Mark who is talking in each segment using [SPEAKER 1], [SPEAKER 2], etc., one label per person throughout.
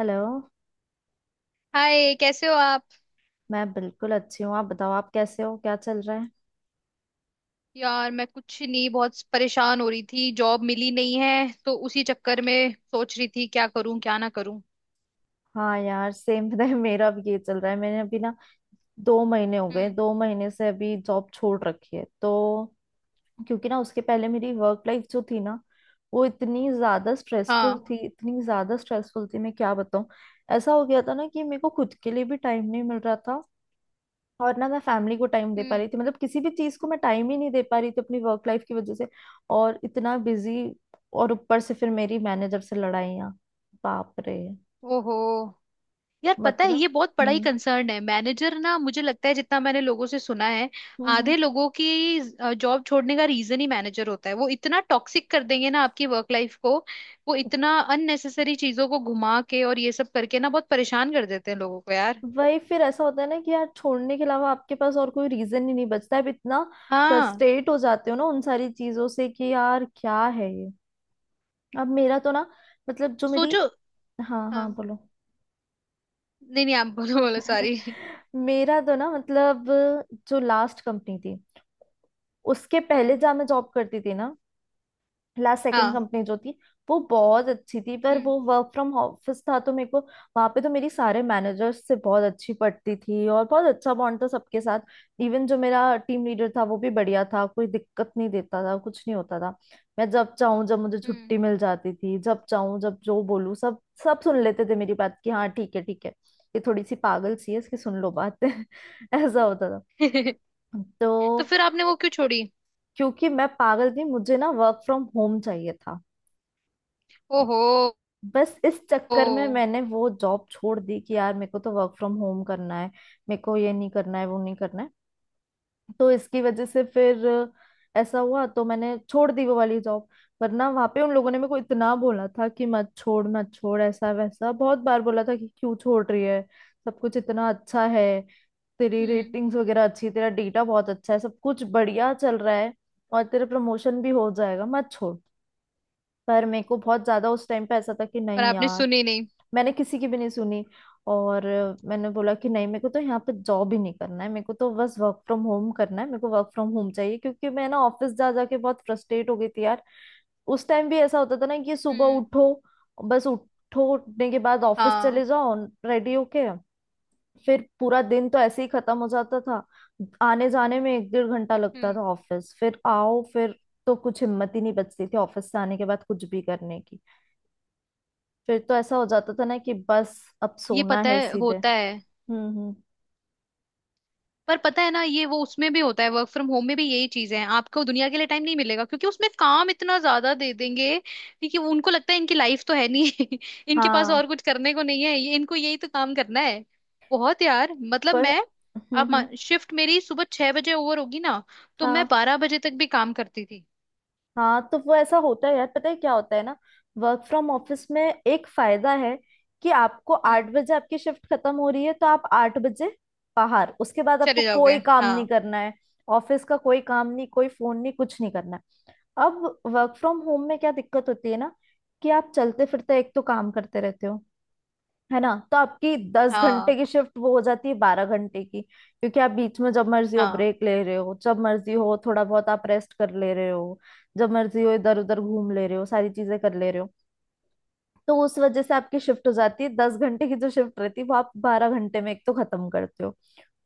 [SPEAKER 1] Hello.
[SPEAKER 2] Hi, कैसे हो आप।
[SPEAKER 1] मैं बिल्कुल अच्छी हूँ। आप बताओ, आप कैसे हो, क्या चल रहा है।
[SPEAKER 2] यार मैं कुछ नहीं, बहुत परेशान हो रही थी। जॉब मिली नहीं है तो उसी चक्कर में सोच रही थी क्या करूं क्या ना करूं।
[SPEAKER 1] हाँ यार, सेम पता है, मेरा भी ये चल रहा है। मैंने अभी ना 2 महीने हो गए,
[SPEAKER 2] हम्म।
[SPEAKER 1] 2 महीने से अभी जॉब छोड़ रखी है। तो क्योंकि ना उसके पहले मेरी वर्क लाइफ जो थी ना, वो इतनी ज्यादा स्ट्रेसफुल
[SPEAKER 2] हाँ।
[SPEAKER 1] थी, इतनी ज्यादा स्ट्रेसफुल थी, मैं क्या बताऊँ। ऐसा हो गया था ना कि मेरे को खुद के लिए भी टाइम नहीं मिल रहा था और ना मैं फैमिली को टाइम दे पा रही
[SPEAKER 2] हम्म।
[SPEAKER 1] थी, मतलब किसी भी चीज को मैं टाइम ही नहीं दे पा रही थी अपनी वर्क लाइफ की वजह से। और इतना बिजी, और ऊपर से फिर मेरी मैनेजर से लड़ाइयाँ। बाप रे।
[SPEAKER 2] ओहो। यार पता है,
[SPEAKER 1] मतलब।
[SPEAKER 2] ये बहुत बड़ा ही
[SPEAKER 1] हम्म।
[SPEAKER 2] कंसर्न है मैनेजर। ना मुझे लगता है जितना मैंने लोगों से सुना है,
[SPEAKER 1] हम्म हम्म।
[SPEAKER 2] आधे लोगों की जॉब छोड़ने का रीजन ही मैनेजर होता है। वो इतना टॉक्सिक कर देंगे ना आपकी वर्क लाइफ को। वो इतना अननेसेसरी चीजों को घुमा के और ये सब करके ना बहुत परेशान कर देते हैं लोगों को, यार।
[SPEAKER 1] वही। फिर ऐसा होता है ना कि यार छोड़ने के अलावा आपके पास और कोई रीजन ही नहीं बचता है। अब इतना
[SPEAKER 2] हाँ,
[SPEAKER 1] फ्रस्ट्रेट हो जाते हो ना उन सारी चीजों से कि यार क्या है ये। अब मेरा तो ना, मतलब जो मेरी,
[SPEAKER 2] सोचो।
[SPEAKER 1] हाँ
[SPEAKER 2] हाँ,
[SPEAKER 1] हाँ बोलो।
[SPEAKER 2] नहीं नहीं आप बोलो बोलो, सॉरी।
[SPEAKER 1] मेरा तो ना, मतलब जो लास्ट कंपनी थी, उसके पहले
[SPEAKER 2] हम्म।
[SPEAKER 1] जहाँ मैं जॉब करती थी ना, लास्ट सेकंड
[SPEAKER 2] हाँ।
[SPEAKER 1] कंपनी जो थी, वो बहुत अच्छी थी। पर
[SPEAKER 2] हम्म।
[SPEAKER 1] वो वर्क फ्रॉम ऑफिस था, तो मेरे को वहां पे तो मेरी सारे मैनेजर्स से बहुत अच्छी पड़ती थी और बहुत अच्छा बॉन्ड था सबके साथ। इवन जो मेरा टीम लीडर था वो भी बढ़िया था, कोई दिक्कत नहीं देता था, कुछ नहीं होता था। मैं जब चाहूँ जब मुझे
[SPEAKER 2] हम्म।
[SPEAKER 1] छुट्टी मिल जाती थी, जब चाहूँ जब जो बोलूँ सब सब सुन लेते थे मेरी बात की, हाँ ठीक है ठीक है, ये थोड़ी सी पागल सी है इसकी सुन लो बात ऐसा होता था।
[SPEAKER 2] तो
[SPEAKER 1] तो
[SPEAKER 2] फिर आपने वो क्यों छोड़ी।
[SPEAKER 1] क्योंकि मैं पागल थी, मुझे ना वर्क फ्रॉम होम चाहिए था।
[SPEAKER 2] ओहो।
[SPEAKER 1] बस इस
[SPEAKER 2] ओ।
[SPEAKER 1] चक्कर में मैंने वो जॉब छोड़ दी कि यार मेरे को तो वर्क फ्रॉम होम करना है, मेरे को ये नहीं करना है, वो नहीं करना है। तो इसकी वजह से फिर ऐसा हुआ, तो मैंने छोड़ दी वो वाली जॉब। वरना वहां पे उन लोगों ने मेरे को इतना बोला था कि मत छोड़ मत छोड़, ऐसा वैसा बहुत बार बोला था कि क्यों छोड़ रही है, सब कुछ इतना अच्छा है, तेरी
[SPEAKER 2] हम्म।
[SPEAKER 1] रेटिंग्स वगैरह अच्छी, तेरा डेटा बहुत अच्छा है, सब कुछ बढ़िया चल रहा है और तेरा प्रमोशन भी हो जाएगा, मत छोड़। पर मेरे को बहुत ज्यादा उस टाइम पे ऐसा था कि
[SPEAKER 2] पर
[SPEAKER 1] नहीं
[SPEAKER 2] आपने
[SPEAKER 1] यार।
[SPEAKER 2] सुनी नहीं।
[SPEAKER 1] मैंने किसी की भी नहीं सुनी। और मैंने बोला कि नहीं, मेरे को तो यहाँ पे जॉब ही नहीं करना है, मेरे को तो बस वर्क फ्रॉम होम करना है, मेरे को वर्क फ्रॉम होम चाहिए, क्योंकि मैं ना ऑफिस जा जाके बहुत फ्रस्ट्रेट हो गई थी यार। उस टाइम भी ऐसा होता था ना कि सुबह
[SPEAKER 2] हम्म।
[SPEAKER 1] उठो, बस उठो, उठने के बाद ऑफिस
[SPEAKER 2] हाँ।
[SPEAKER 1] चले जाओ रेडी होके। फिर पूरा दिन तो ऐसे ही खत्म हो जाता था। आने जाने में एक डेढ़ घंटा लगता था
[SPEAKER 2] हम्म।
[SPEAKER 1] ऑफिस, फिर आओ फिर। तो कुछ हिम्मत ही नहीं बचती थी ऑफिस से आने के बाद कुछ भी करने की। फिर तो ऐसा हो जाता था ना कि बस अब
[SPEAKER 2] ये
[SPEAKER 1] सोना
[SPEAKER 2] पता
[SPEAKER 1] है
[SPEAKER 2] है,
[SPEAKER 1] सीधे।
[SPEAKER 2] होता है।
[SPEAKER 1] हम्म।
[SPEAKER 2] पर पता है ना, ये वो उसमें भी होता है, वर्क फ्रॉम होम में भी यही चीजें हैं। आपको दुनिया के लिए टाइम नहीं मिलेगा क्योंकि उसमें काम इतना ज्यादा दे देंगे कि वो, उनको लगता है इनकी लाइफ तो है नहीं इनके पास
[SPEAKER 1] हाँ।
[SPEAKER 2] और कुछ करने को नहीं है, ये इनको यही तो काम करना है। बहुत यार, मतलब
[SPEAKER 1] पर।
[SPEAKER 2] मैं, आप,
[SPEAKER 1] हम्म।
[SPEAKER 2] शिफ्ट मेरी सुबह 6 बजे ओवर होगी ना, तो मैं
[SPEAKER 1] हाँ
[SPEAKER 2] 12 बजे तक भी काम करती थी।
[SPEAKER 1] हाँ। तो वो ऐसा होता है यार, पता है क्या होता है ना, वर्क फ्रॉम ऑफिस में एक फायदा है कि आपको
[SPEAKER 2] हम्म।
[SPEAKER 1] 8 बजे आपकी शिफ्ट खत्म हो रही है तो आप 8 बजे बाहर, उसके बाद आपको
[SPEAKER 2] चले जाओगे।
[SPEAKER 1] कोई काम नहीं
[SPEAKER 2] हाँ।
[SPEAKER 1] करना है। ऑफिस का कोई काम नहीं, कोई फोन नहीं, कुछ नहीं करना है। अब वर्क फ्रॉम होम में क्या दिक्कत होती है ना कि आप चलते फिरते एक तो काम करते रहते हो, है ना, तो आपकी 10 घंटे
[SPEAKER 2] हाँ।
[SPEAKER 1] की शिफ्ट वो हो जाती है 12 घंटे की, क्योंकि आप बीच में जब मर्जी हो
[SPEAKER 2] हाँ।
[SPEAKER 1] ब्रेक ले रहे हो, जब मर्जी हो थोड़ा बहुत आप रेस्ट कर ले रहे हो, जब मर्जी हो इधर उधर घूम ले रहे हो, सारी चीजें कर ले रहे हो। तो उस वजह से आपकी शिफ्ट हो जाती है 10 घंटे की, जो शिफ्ट रहती है वो आप 12 घंटे में एक तो खत्म करते हो।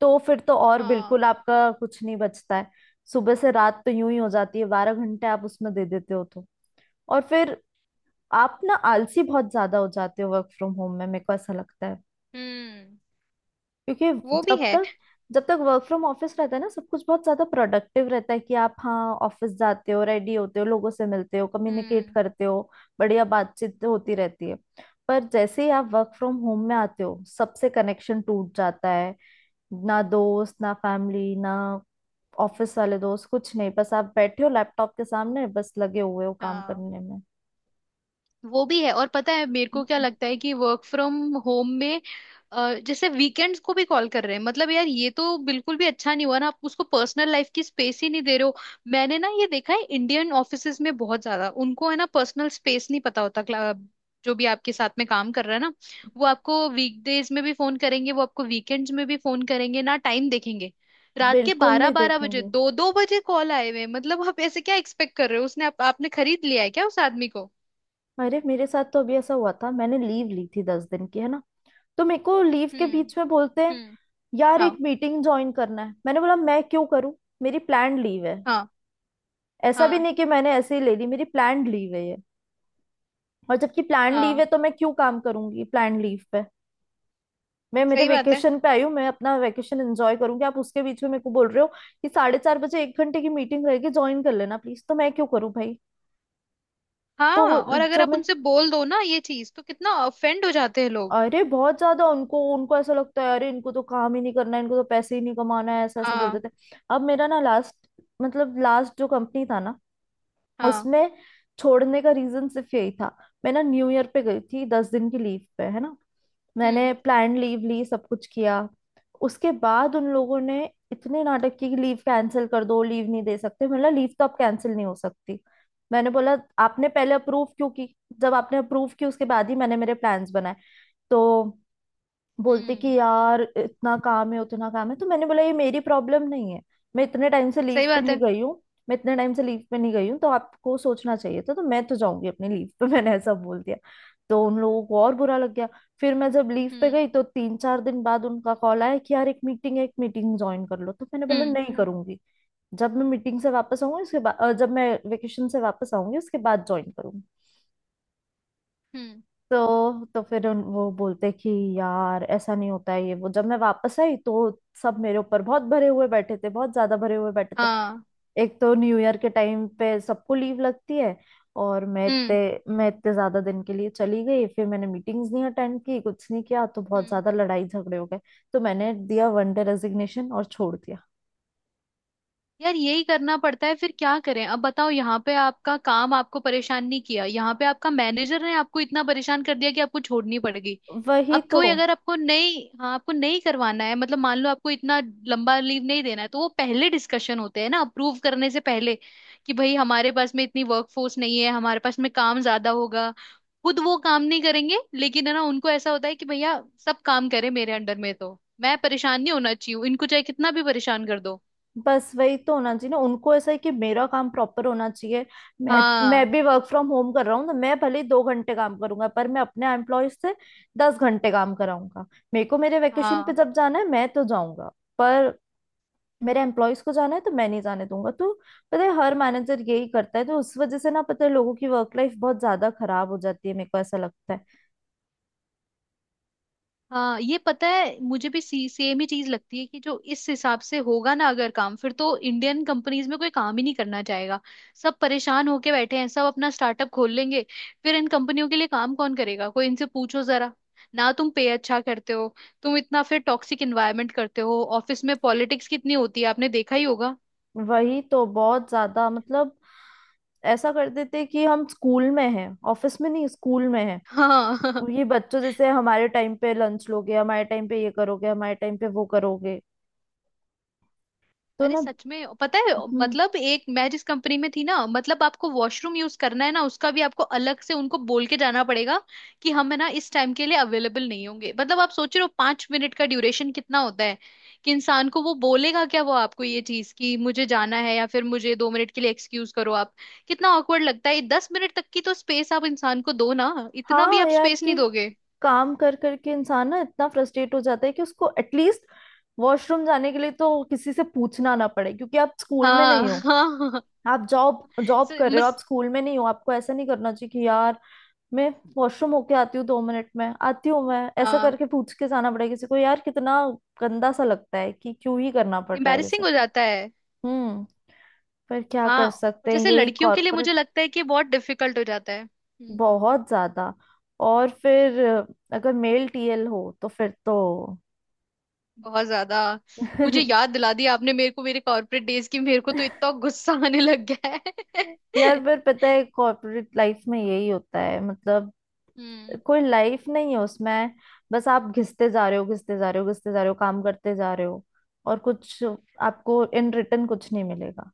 [SPEAKER 1] तो फिर तो और बिल्कुल
[SPEAKER 2] हाँ।
[SPEAKER 1] आपका कुछ नहीं बचता है। सुबह से रात तो यूं ही हो जाती है, बारह घंटे आप उसमें दे देते हो। तो और फिर आप ना आलसी बहुत ज्यादा हो जाते हो वर्क फ्रॉम होम में, मेरे को ऐसा लगता है।
[SPEAKER 2] हम्म।
[SPEAKER 1] क्योंकि
[SPEAKER 2] वो भी
[SPEAKER 1] जब
[SPEAKER 2] है।
[SPEAKER 1] तक जब तक वर्क फ्रॉम ऑफिस रहता है ना सब कुछ बहुत ज्यादा प्रोडक्टिव रहता है, कि आप हाँ ऑफिस जाते हो, रेडी होते हो, लोगों से मिलते हो, कम्युनिकेट
[SPEAKER 2] हम्म।
[SPEAKER 1] करते हो, बढ़िया बातचीत होती रहती है। पर जैसे ही आप वर्क फ्रॉम होम में आते हो, सबसे कनेक्शन टूट जाता है। ना दोस्त, ना फैमिली, ना ऑफिस वाले दोस्त, कुछ नहीं, बस आप बैठे हो लैपटॉप के सामने बस लगे हुए हो काम
[SPEAKER 2] हाँ।
[SPEAKER 1] करने में।
[SPEAKER 2] वो भी है। और पता है मेरे को क्या
[SPEAKER 1] हम्म।
[SPEAKER 2] लगता है कि वर्क फ्रॉम होम में जैसे वीकेंड्स को भी कॉल कर रहे हैं। मतलब यार, ये तो बिल्कुल भी अच्छा नहीं हुआ ना, आप उसको पर्सनल लाइफ की स्पेस ही नहीं दे रहे हो। मैंने ना ये देखा है, इंडियन ऑफिसेज में बहुत ज्यादा, उनको है ना पर्सनल स्पेस नहीं पता होता। जो भी आपके साथ में काम कर रहा है ना, वो आपको वीकडेज में भी फोन करेंगे, वो आपको वीकेंड्स में भी फोन करेंगे। ना टाइम देखेंगे, रात के
[SPEAKER 1] बिल्कुल
[SPEAKER 2] बारह
[SPEAKER 1] नहीं
[SPEAKER 2] बारह बजे
[SPEAKER 1] देखेंगे।
[SPEAKER 2] 2 2 बजे कॉल आए हुए हैं। मतलब आप ऐसे क्या एक्सपेक्ट कर रहे हो उसने, आपने खरीद लिया है क्या उस आदमी को।
[SPEAKER 1] अरे मेरे साथ तो अभी ऐसा हुआ था, मैंने लीव ली थी 10 दिन की, है ना। तो मेरे को लीव के
[SPEAKER 2] हम्म।
[SPEAKER 1] बीच में बोलते हैं
[SPEAKER 2] हम्म।
[SPEAKER 1] यार
[SPEAKER 2] हाँ।
[SPEAKER 1] एक मीटिंग ज्वाइन करना है। मैंने बोला मैं क्यों करूं, मेरी प्लान लीव है।
[SPEAKER 2] हाँ।
[SPEAKER 1] ऐसा भी
[SPEAKER 2] हाँ।
[SPEAKER 1] नहीं कि मैंने ऐसे ही ले ली, मेरी प्लान लीव है ये। और जबकि प्लान लीव
[SPEAKER 2] हाँ।
[SPEAKER 1] है तो मैं क्यों काम करूंगी प्लान लीव पे। मैं मेरे
[SPEAKER 2] सही बात है।
[SPEAKER 1] वेकेशन पे आई हूँ, मैं अपना वेकेशन एंजॉय करूंगी। आप उसके बीच में मेरे को बोल रहे हो कि 4:30 बजे एक घंटे की मीटिंग रहेगी, ज्वाइन कर लेना प्लीज। तो मैं क्यों करूँ भाई।
[SPEAKER 2] हाँ,
[SPEAKER 1] तो
[SPEAKER 2] और अगर
[SPEAKER 1] जो,
[SPEAKER 2] आप उनसे बोल दो ना ये चीज, तो कितना ऑफेंड हो जाते हैं लोग।
[SPEAKER 1] अरे बहुत ज्यादा उनको उनको ऐसा लगता है, अरे इनको तो काम ही नहीं करना है, इनको तो पैसे ही नहीं कमाना है, ऐसा ऐसा बोलते
[SPEAKER 2] हाँ।
[SPEAKER 1] थे। अब मेरा ना लास्ट, मतलब लास्ट जो कंपनी था ना,
[SPEAKER 2] हाँ।
[SPEAKER 1] उसमें छोड़ने का रीजन सिर्फ यही था। मैं ना न्यू ईयर पे गई थी 10 दिन की लीव पे, है ना।
[SPEAKER 2] हम्म।
[SPEAKER 1] मैंने प्लान लीव ली, सब कुछ किया। उसके बाद उन लोगों ने इतने नाटक की कि लीव कैंसिल कर दो, लीव नहीं दे सकते, मतलब लीव तो अब कैंसिल नहीं हो सकती। मैंने बोला आपने पहले अप्रूव क्यों की, जब आपने अप्रूव की उसके बाद ही मैंने मेरे प्लान्स बनाए। तो बोलते कि
[SPEAKER 2] हम्म।
[SPEAKER 1] यार इतना काम है, उतना काम है, तो मैंने बोला ये मेरी प्रॉब्लम नहीं है। मैं इतने टाइम से लीव
[SPEAKER 2] सही
[SPEAKER 1] पे
[SPEAKER 2] बात
[SPEAKER 1] नहीं
[SPEAKER 2] है।
[SPEAKER 1] गई हूँ। मैं इतने टाइम से लीव पे नहीं गई हूँ, तो आपको सोचना चाहिए था। तो मैं तो जाऊंगी अपनी लीव पे मैंने ऐसा बोल दिया। तो उन लोगों को और बुरा लग गया। फिर मैं जब लीव पे
[SPEAKER 2] हम्म।
[SPEAKER 1] गई तो 3-4 दिन बाद उनका कॉल आया कि यार एक मीटिंग है, एक मीटिंग ज्वाइन कर लो। तो मैंने बोला
[SPEAKER 2] हम्म।
[SPEAKER 1] नहीं करूंगी, जब मैं मीटिंग से वापस आऊंगी उसके बाद, जब मैं वेकेशन से वापस आऊंगी उसके बाद ज्वाइन करूंगी।
[SPEAKER 2] हम्म।
[SPEAKER 1] तो फिर वो बोलते कि यार ऐसा नहीं होता है ये वो। जब मैं वापस आई तो सब मेरे ऊपर बहुत भरे हुए बैठे थे, बहुत ज्यादा भरे हुए बैठे थे।
[SPEAKER 2] हाँ।
[SPEAKER 1] एक तो न्यू ईयर के टाइम पे सबको लीव लगती है, और
[SPEAKER 2] हम्म।
[SPEAKER 1] मैं इतने ज्यादा दिन के लिए चली गई, फिर मैंने मीटिंग्स नहीं अटेंड की, कुछ नहीं किया, तो बहुत
[SPEAKER 2] हम्म।
[SPEAKER 1] ज्यादा लड़ाई झगड़े हो गए। तो मैंने दिया वन डे रेजिग्नेशन और छोड़ दिया।
[SPEAKER 2] यार, यही करना पड़ता है। फिर क्या करें, अब बताओ। यहाँ पे आपका काम आपको परेशान नहीं किया, यहाँ पे आपका मैनेजर ने आपको इतना परेशान कर दिया कि आपको छोड़नी पड़ गई।
[SPEAKER 1] वही
[SPEAKER 2] अब
[SPEAKER 1] तो।
[SPEAKER 2] कोई अगर आपको नहीं, हाँ आपको नहीं करवाना है, मतलब मान लो आपको इतना लंबा लीव नहीं देना है, तो वो पहले डिस्कशन होते हैं ना अप्रूव करने से पहले कि भाई हमारे पास में इतनी वर्कफोर्स नहीं है, हमारे पास में काम ज्यादा होगा। खुद वो काम नहीं करेंगे, लेकिन है ना, उनको ऐसा होता है कि भैया सब काम करें मेरे अंडर में, तो मैं परेशान नहीं होना चाहिए इनको, चाहे कितना भी परेशान कर दो।
[SPEAKER 1] बस वही तो होना चाहिए ना, उनको ऐसा है कि मेरा काम प्रॉपर होना चाहिए। मैं मैं
[SPEAKER 2] हाँ।
[SPEAKER 1] भी वर्क फ्रॉम होम कर रहा हूँ, तो मैं भले ही 2 घंटे काम करूंगा, पर मैं अपने एम्प्लॉय से 10 घंटे काम कराऊंगा। मेरे को मेरे वेकेशन पे
[SPEAKER 2] हाँ।
[SPEAKER 1] जब जाना है मैं तो जाऊंगा, पर मेरे एम्प्लॉयज को जाना है तो मैं नहीं जाने दूंगा। तो पता है हर मैनेजर यही करता है, तो उस वजह से ना पता है लोगों की वर्क लाइफ बहुत ज्यादा खराब हो जाती है, मेरे को ऐसा लगता है।
[SPEAKER 2] हाँ, ये पता है, मुझे भी सेम ही चीज लगती है कि जो इस हिसाब से होगा ना अगर काम, फिर तो इंडियन कंपनीज में कोई काम ही नहीं करना चाहेगा। सब परेशान होके बैठे हैं, सब अपना स्टार्टअप खोल लेंगे। फिर इन कंपनियों के लिए काम कौन करेगा, कोई इनसे पूछो जरा। ना तुम पे अच्छा करते हो, तुम इतना फिर टॉक्सिक इन्वायरमेंट करते हो ऑफिस में। पॉलिटिक्स कितनी होती है आपने देखा ही होगा।
[SPEAKER 1] वही तो बहुत ज्यादा, मतलब ऐसा कर देते हैं कि हम स्कूल में हैं, ऑफिस में नहीं स्कूल में हैं।
[SPEAKER 2] हाँ।
[SPEAKER 1] ये बच्चों जैसे हमारे टाइम पे लंच लोगे, हमारे टाइम पे ये करोगे, हमारे टाइम पे वो करोगे। तो
[SPEAKER 2] अरे
[SPEAKER 1] ना।
[SPEAKER 2] सच में पता है,
[SPEAKER 1] हम्म।
[SPEAKER 2] मतलब एक मैं जिस कंपनी में थी ना, मतलब आपको वॉशरूम यूज करना है ना उसका भी आपको अलग से उनको बोल के जाना पड़ेगा कि हम है ना इस टाइम के लिए अवेलेबल नहीं होंगे। मतलब आप सोच रहे हो, 5 मिनट का ड्यूरेशन कितना होता है कि इंसान को वो बोलेगा क्या वो आपको ये चीज कि मुझे जाना है, या फिर मुझे 2 मिनट के लिए एक्सक्यूज करो आप। कितना ऑकवर्ड लगता है, 10 मिनट तक की तो स्पेस आप इंसान को दो ना। इतना भी
[SPEAKER 1] हाँ
[SPEAKER 2] आप
[SPEAKER 1] यार
[SPEAKER 2] स्पेस नहीं
[SPEAKER 1] कि
[SPEAKER 2] दोगे।
[SPEAKER 1] काम कर करके इंसान ना इतना फ्रस्ट्रेट हो जाता है कि उसको एटलीस्ट वॉशरूम जाने के लिए तो किसी से पूछना ना पड़े, क्योंकि आप स्कूल में
[SPEAKER 2] हाँ।
[SPEAKER 1] नहीं
[SPEAKER 2] हाँ।
[SPEAKER 1] हो।
[SPEAKER 2] हाँ, हाँ,
[SPEAKER 1] आप जॉब जॉब कर रहे हो, आप स्कूल में नहीं हो। आपको ऐसा नहीं करना चाहिए कि यार मैं वॉशरूम होके आती हूँ, 2 मिनट में आती हूँ, मैं
[SPEAKER 2] हाँ,
[SPEAKER 1] ऐसा
[SPEAKER 2] हाँ।
[SPEAKER 1] करके पूछ के जाना पड़ेगा किसी को, यार कितना गंदा सा लगता है कि क्यों ही करना पड़ रहा है ये
[SPEAKER 2] इम्बेरसिंग
[SPEAKER 1] सब।
[SPEAKER 2] हो जाता है।
[SPEAKER 1] हम्म। फिर क्या
[SPEAKER 2] हाँ,
[SPEAKER 1] कर
[SPEAKER 2] और
[SPEAKER 1] सकते हैं,
[SPEAKER 2] जैसे
[SPEAKER 1] यही
[SPEAKER 2] लड़कियों के लिए मुझे
[SPEAKER 1] कॉर्पोरेट।
[SPEAKER 2] लगता है कि बहुत डिफिकल्ट हो जाता है। हम्म।
[SPEAKER 1] बहुत ज्यादा। और फिर अगर मेल टीएल हो तो फिर तो
[SPEAKER 2] बहुत ज्यादा। मुझे याद दिला दिया आपने मेरे को, मेरे कॉर्पोरेट डेज की। मेरे को तो इतना गुस्सा आने लग गया है।
[SPEAKER 1] यार फिर पता है कॉर्पोरेट लाइफ में यही होता है, मतलब
[SPEAKER 2] हम्म।
[SPEAKER 1] कोई लाइफ नहीं है उसमें। बस आप घिसते जा रहे हो, घिसते जा रहे हो, घिसते जा रहे हो, काम करते जा रहे हो, और कुछ आपको इन रिटर्न कुछ नहीं मिलेगा।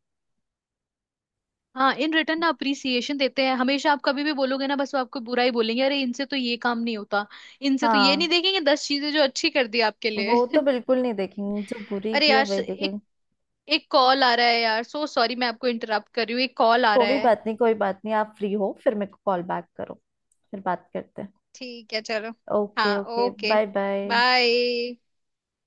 [SPEAKER 2] हाँ, इन रिटर्न ना अप्रिसिएशन देते हैं हमेशा। आप कभी भी बोलोगे ना, बस वो आपको बुरा ही बोलेंगे। अरे इनसे तो ये काम नहीं होता, इनसे तो ये, नहीं
[SPEAKER 1] हाँ
[SPEAKER 2] देखेंगे 10 चीजें जो अच्छी कर दी आपके लिए।
[SPEAKER 1] वो तो बिल्कुल नहीं देखेंगे, जो बुरी
[SPEAKER 2] अरे
[SPEAKER 1] की है
[SPEAKER 2] यार
[SPEAKER 1] वही
[SPEAKER 2] एक
[SPEAKER 1] देखेंगे।
[SPEAKER 2] एक कॉल आ रहा है यार, सो सॉरी मैं आपको इंटरप्ट कर रही हूँ, एक कॉल आ रहा
[SPEAKER 1] कोई
[SPEAKER 2] है।
[SPEAKER 1] बात नहीं, कोई बात नहीं, आप फ्री हो फिर मेरे को कॉल बैक करो, फिर बात करते हैं।
[SPEAKER 2] ठीक है चलो।
[SPEAKER 1] ओके
[SPEAKER 2] हाँ
[SPEAKER 1] okay,
[SPEAKER 2] okay,
[SPEAKER 1] bye bye.
[SPEAKER 2] Bye.